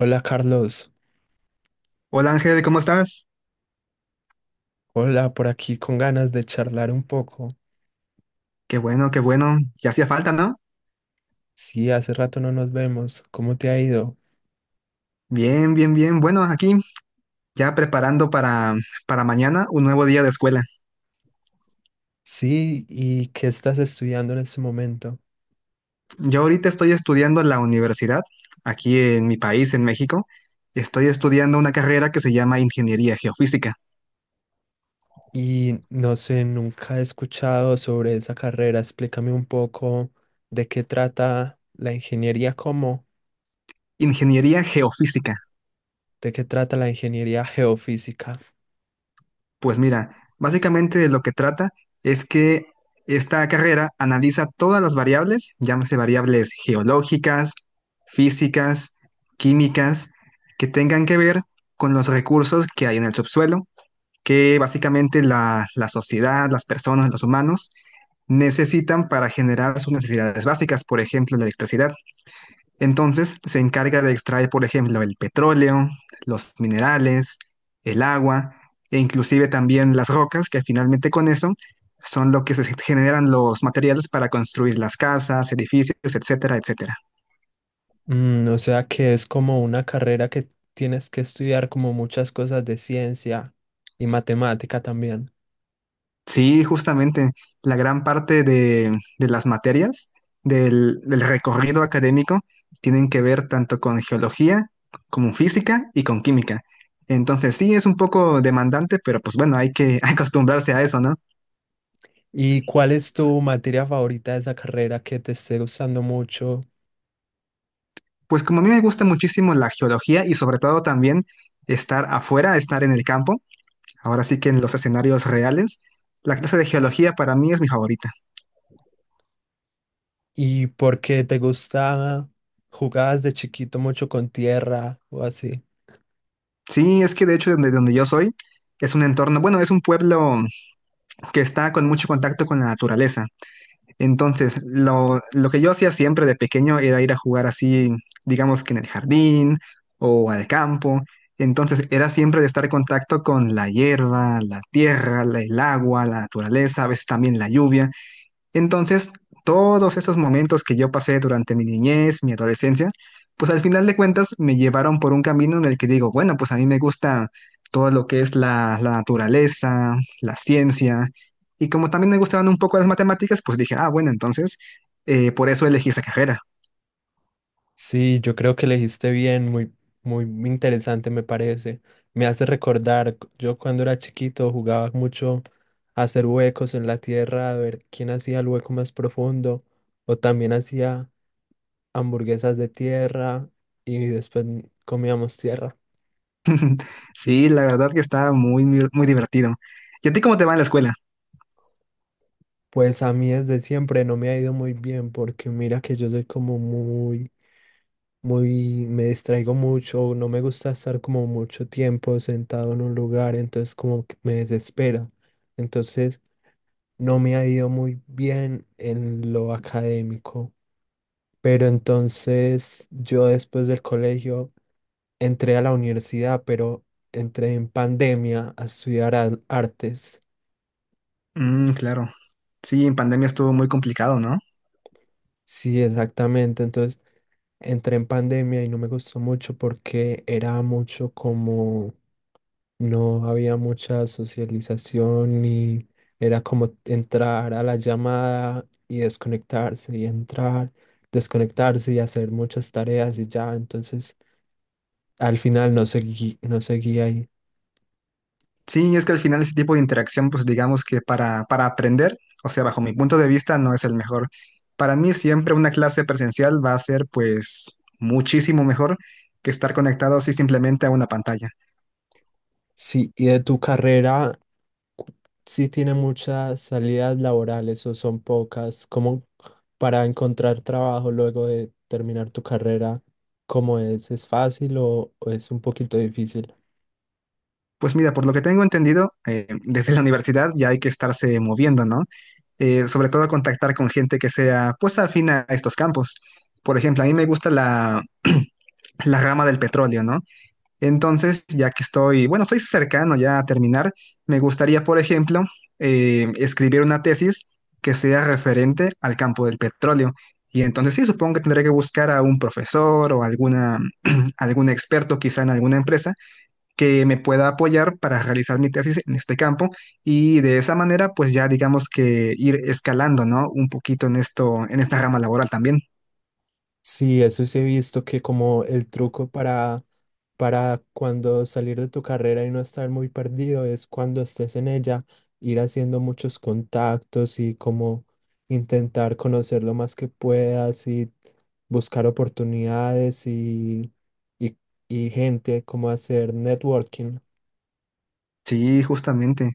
Hola Carlos, Hola Ángel, ¿cómo estás? hola por aquí con ganas de charlar un poco. Qué bueno, qué bueno. Ya hacía falta, ¿no? Sí, hace rato no nos vemos. ¿Cómo te ha ido? Bien, bien, bien. Bueno, aquí ya preparando para mañana un nuevo día de escuela. Sí, ¿y qué estás estudiando en este momento? Yo ahorita estoy estudiando en la universidad, aquí en mi país, en México. Estoy estudiando una carrera que se llama Ingeniería Geofísica. Y no sé, nunca he escuchado sobre esa carrera. Explícame un poco de qué trata la ingeniería, cómo, Ingeniería Geofísica. de qué trata la ingeniería geofísica. Pues mira, básicamente de lo que trata es que esta carrera analiza todas las variables, llámese variables geológicas, físicas, químicas, que tengan que ver con los recursos que hay en el subsuelo, que básicamente la sociedad, las personas, los humanos necesitan para generar sus necesidades básicas, por ejemplo, la electricidad. Entonces se encarga de extraer, por ejemplo, el petróleo, los minerales, el agua e inclusive también las rocas, que finalmente con eso son lo que se generan los materiales para construir las casas, edificios, etcétera, etcétera. O sea que es como una carrera que tienes que estudiar como muchas cosas de ciencia y matemática también. Sí, justamente la gran parte de las materias del recorrido académico tienen que ver tanto con geología como física y con química. Entonces sí, es un poco demandante, pero pues bueno, hay que acostumbrarse a eso, ¿no? ¿Y cuál es tu materia favorita de esa carrera que te esté gustando mucho? Pues como a mí me gusta muchísimo la geología y sobre todo también estar afuera, estar en el campo, ahora sí que en los escenarios reales, la clase de geología para mí es mi favorita. ¿Y por qué te gusta? ¿Jugabas de chiquito mucho con tierra o así? Sí, es que de hecho donde yo soy es un entorno, bueno, es un pueblo que está con mucho contacto con la naturaleza. Entonces, lo que yo hacía siempre de pequeño era ir a jugar así, digamos que en el jardín o al campo. Entonces, era siempre de estar en contacto con la hierba, la tierra, el agua, la naturaleza, a veces también la lluvia. Entonces, todos esos momentos que yo pasé durante mi niñez, mi adolescencia, pues al final de cuentas me llevaron por un camino en el que digo, bueno, pues a mí me gusta todo lo que es la naturaleza, la ciencia, y como también me gustaban un poco las matemáticas, pues dije, ah, bueno, entonces, por eso elegí esa carrera. Sí, yo creo que elegiste bien, muy, muy interesante me parece. Me hace recordar, yo cuando era chiquito jugaba mucho a hacer huecos en la tierra, a ver quién hacía el hueco más profundo, o también hacía hamburguesas de tierra y después comíamos tierra. Sí, la verdad que está muy, muy muy divertido. ¿Y a ti cómo te va en la escuela? Pues a mí desde siempre no me ha ido muy bien porque mira que yo soy como muy me distraigo mucho, no me gusta estar como mucho tiempo sentado en un lugar, entonces como que me desespera. Entonces no me ha ido muy bien en lo académico, pero entonces yo después del colegio entré a la universidad, pero entré en pandemia a estudiar artes. Mm, claro. Sí, en pandemia estuvo muy complicado, ¿no? Sí, exactamente. Entonces entré en pandemia y no me gustó mucho porque era mucho como no había mucha socialización y era como entrar a la llamada y desconectarse y entrar, desconectarse y hacer muchas tareas y ya, entonces al final no seguí, ahí. Sí, es que al final ese tipo de interacción, pues digamos que para aprender, o sea, bajo mi punto de vista, no es el mejor. Para mí siempre una clase presencial va a ser pues muchísimo mejor que estar conectado así simplemente a una pantalla. Sí, y de tu carrera, cu- sí tiene muchas salidas laborales o son pocas, como para encontrar trabajo luego de terminar tu carrera, ¿cómo es? ¿Es fácil o es un poquito difícil? Pues mira, por lo que tengo entendido, desde la universidad ya hay que estarse moviendo, ¿no? Sobre todo contactar con gente que sea pues afín a estos campos. Por ejemplo, a mí me gusta la rama del petróleo, ¿no? Entonces, ya que estoy, bueno, estoy cercano ya a terminar, me gustaría, por ejemplo, escribir una tesis que sea referente al campo del petróleo. Y entonces sí, supongo que tendré que buscar a un profesor o alguna, algún experto quizá en alguna empresa que me pueda apoyar para realizar mi tesis en este campo y de esa manera pues ya digamos que ir escalando, ¿no? Un poquito en esto, en esta rama laboral también. Sí, eso sí he visto que como el truco para cuando salir de tu carrera y no estar muy perdido es cuando estés en ella, ir haciendo muchos contactos y como intentar conocer lo más que puedas y buscar oportunidades y, y gente, como hacer networking. Sí, justamente.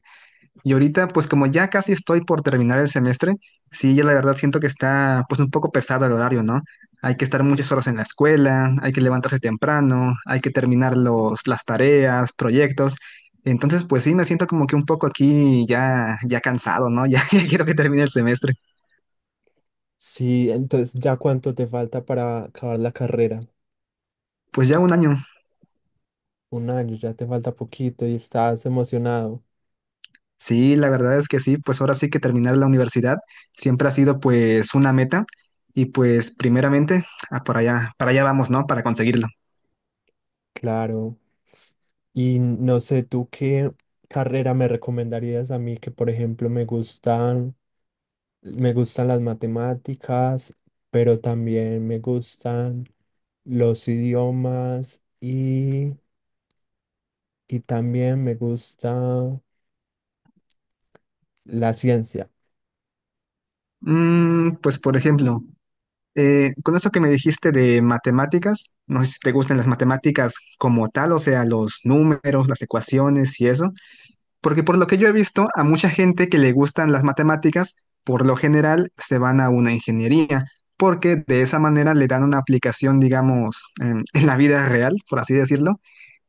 Y ahorita, pues como ya casi estoy por terminar el semestre, sí, ya la verdad siento que está pues un poco pesado el horario, ¿no? Hay que estar muchas horas en la escuela, hay que levantarse temprano, hay que terminar los, las tareas, proyectos. Entonces, pues sí, me siento como que un poco aquí ya, ya cansado, ¿no? Ya, ya quiero que termine el semestre. Sí, entonces ya cuánto te falta para acabar la carrera. Pues ya un año. Un año, ya te falta poquito y estás emocionado. Sí, la verdad es que sí, pues ahora sí que terminar la universidad siempre ha sido pues una meta y pues primeramente ah, para allá vamos, ¿no? Para conseguirlo. Claro. Y no sé, tú qué carrera me recomendarías a mí que, por ejemplo, me gustan las matemáticas, pero también me gustan los idiomas y también me gusta la ciencia. Mm, pues por ejemplo, con eso que me dijiste de matemáticas, no sé si te gustan las matemáticas como tal, o sea, los números, las ecuaciones y eso, porque por lo que yo he visto, a mucha gente que le gustan las matemáticas, por lo general se van a una ingeniería, porque de esa manera le dan una aplicación, digamos, en la vida real, por así decirlo,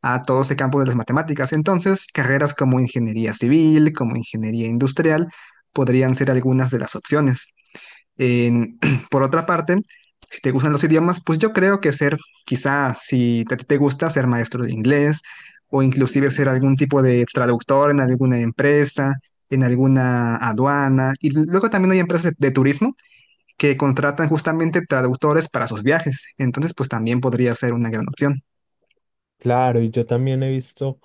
a todo ese campo de las matemáticas. Entonces, carreras como ingeniería civil, como ingeniería industrial, podrían ser algunas de las opciones. En- por otra parte, si te gustan los idiomas, pues yo creo que ser, quizás si te gusta ser maestro de inglés o inclusive ser algún tipo de traductor en alguna empresa, en alguna aduana. Y luego también hay empresas de turismo que contratan justamente traductores para sus viajes. Entonces, pues también podría ser una gran opción. Claro, y yo también he visto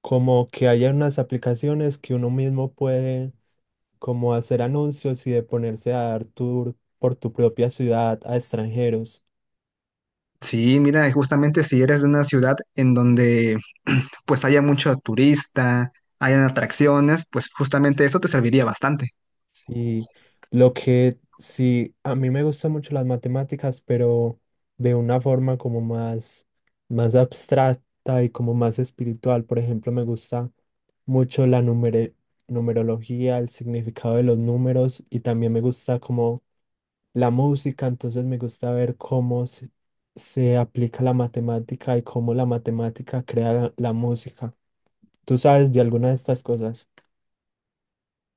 como que hay unas aplicaciones que uno mismo puede como hacer anuncios y de ponerse a dar tour por tu propia ciudad a extranjeros. Sí, mira, y justamente si eres de una ciudad en donde pues haya mucho turista, hayan atracciones, pues justamente eso te serviría bastante. Sí, lo que sí, a mí me gustan mucho las matemáticas, pero de una forma como más, más abstracta y como más espiritual. Por ejemplo, me gusta mucho la numerología, el significado de los números y también me gusta como la música, entonces me gusta ver se aplica la matemática y cómo la matemática crea la música. ¿Tú sabes de alguna de estas cosas?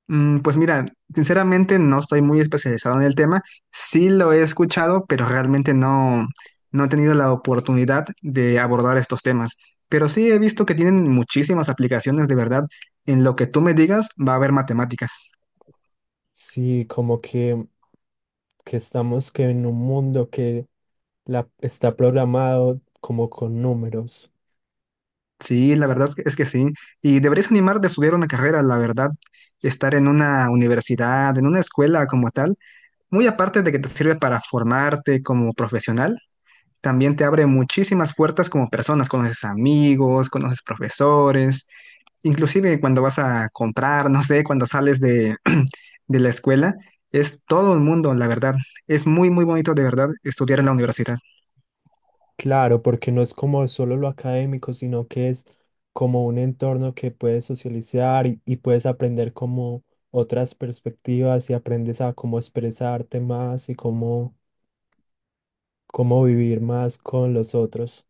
Mm, pues mira, sinceramente no estoy muy especializado en el tema. Sí lo he escuchado, pero realmente no, no he tenido la oportunidad de abordar estos temas. Pero sí he visto que tienen muchísimas aplicaciones de verdad. En lo que tú me digas va a haber matemáticas. Sí, como que estamos que en un mundo que está programado como con números. Sí, la verdad es que sí. Y deberías animarte a estudiar una carrera, la verdad. Estar en una universidad, en una escuela como tal, muy aparte de que te sirve para formarte como profesional, también te abre muchísimas puertas como personas, conoces amigos, conoces profesores, inclusive cuando vas a comprar, no sé, cuando sales de, de la escuela, es todo el mundo, la verdad. Es muy, muy bonito de verdad estudiar en la universidad. Claro, porque no es como solo lo académico, sino que es como un entorno que puedes socializar y puedes aprender como otras perspectivas y aprendes a cómo expresarte más y cómo, cómo vivir más con los otros.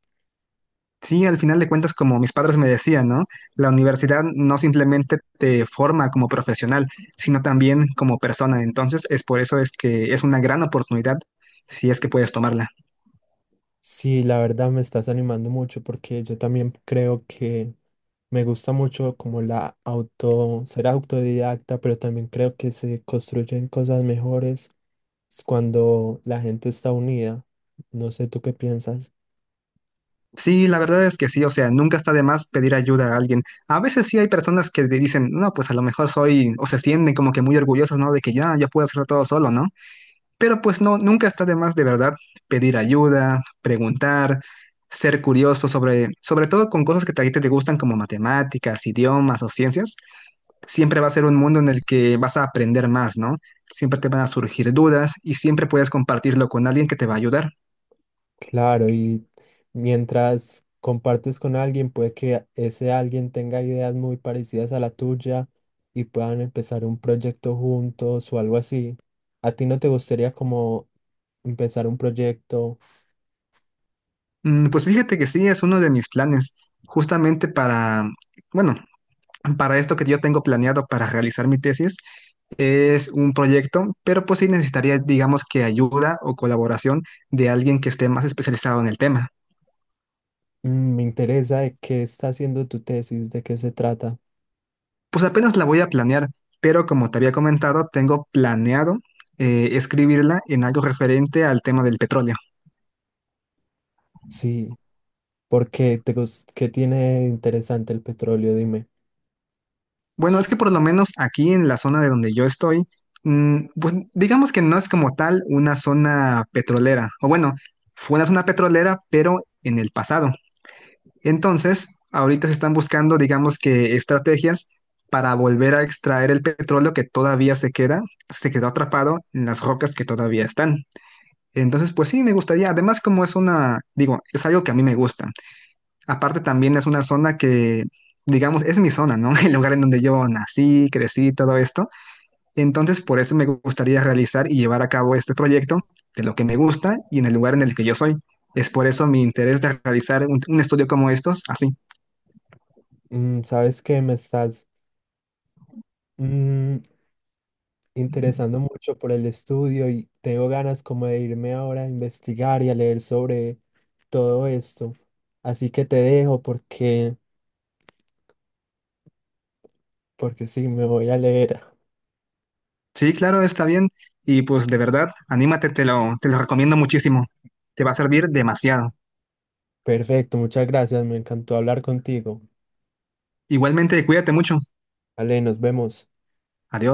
Sí, al final de cuentas, como mis padres me decían, ¿no? La universidad no simplemente te forma como profesional, sino también como persona. Entonces, es por eso es que es una gran oportunidad si es que puedes tomarla. Sí, la verdad me estás animando mucho porque yo también creo que me gusta mucho como la auto, ser autodidacta, pero también creo que se construyen cosas mejores cuando la gente está unida. No sé, ¿tú qué piensas? Sí, la verdad es que sí, o sea, nunca está de más pedir ayuda a alguien. A veces sí hay personas que te dicen, no, pues a lo mejor soy, o se sienten como que muy orgullosas, ¿no? De que ya, yo puedo hacerlo todo solo, ¿no? Pero pues no, nunca está de más de verdad pedir ayuda, preguntar, ser curioso sobre, sobre todo con cosas que a ti te gustan como matemáticas, idiomas o ciencias. Siempre va a ser un mundo en el que vas a aprender más, ¿no? Siempre te van a surgir dudas y siempre puedes compartirlo con alguien que te va a ayudar. Claro, y mientras compartes con alguien, puede que ese alguien tenga ideas muy parecidas a la tuya y puedan empezar un proyecto juntos o algo así. ¿A ti no te gustaría como empezar un proyecto? Mm, pues fíjate que sí, es uno de mis planes, justamente para, bueno, para esto que yo tengo planeado para realizar mi tesis, es un proyecto, pero pues sí necesitaría, digamos que ayuda o colaboración de alguien que esté más especializado en el tema. Me interesa de qué está haciendo tu tesis, de qué se trata. Pues apenas la voy a planear, pero como te había comentado, tengo planeado escribirla en algo referente al tema del petróleo. Sí, porque ¿qué tiene de interesante el petróleo? Dime. Bueno, es que por lo menos aquí en la zona de donde yo estoy, mm, pues digamos que no es como tal una zona petrolera, o bueno, fue una zona petrolera, pero en el pasado. Entonces, ahorita se están buscando, digamos que estrategias para volver a extraer el petróleo que todavía se queda, se quedó atrapado en las rocas que todavía están. Entonces, pues sí, me gustaría, además como es una, digo, es algo que a mí me gusta. Aparte también es una zona que, digamos, es mi zona, ¿no? El lugar en donde yo nací, crecí, todo esto. Entonces, por eso me gustaría realizar y llevar a cabo este proyecto de lo que me gusta y en el lugar en el que yo soy. Es por eso mi interés de realizar un estudio como estos, así. ¿Sabes qué me estás mm, interesando mucho por el estudio y tengo ganas como de irme ahora a investigar y a leer sobre todo esto? Así que te dejo porque, porque sí, me voy a leer. Sí, claro, está bien. Y pues de verdad, anímate, te lo recomiendo muchísimo. Te va a servir demasiado. Perfecto, muchas gracias, me encantó hablar contigo. Igualmente, cuídate mucho. Vale, nos vemos. Adiós.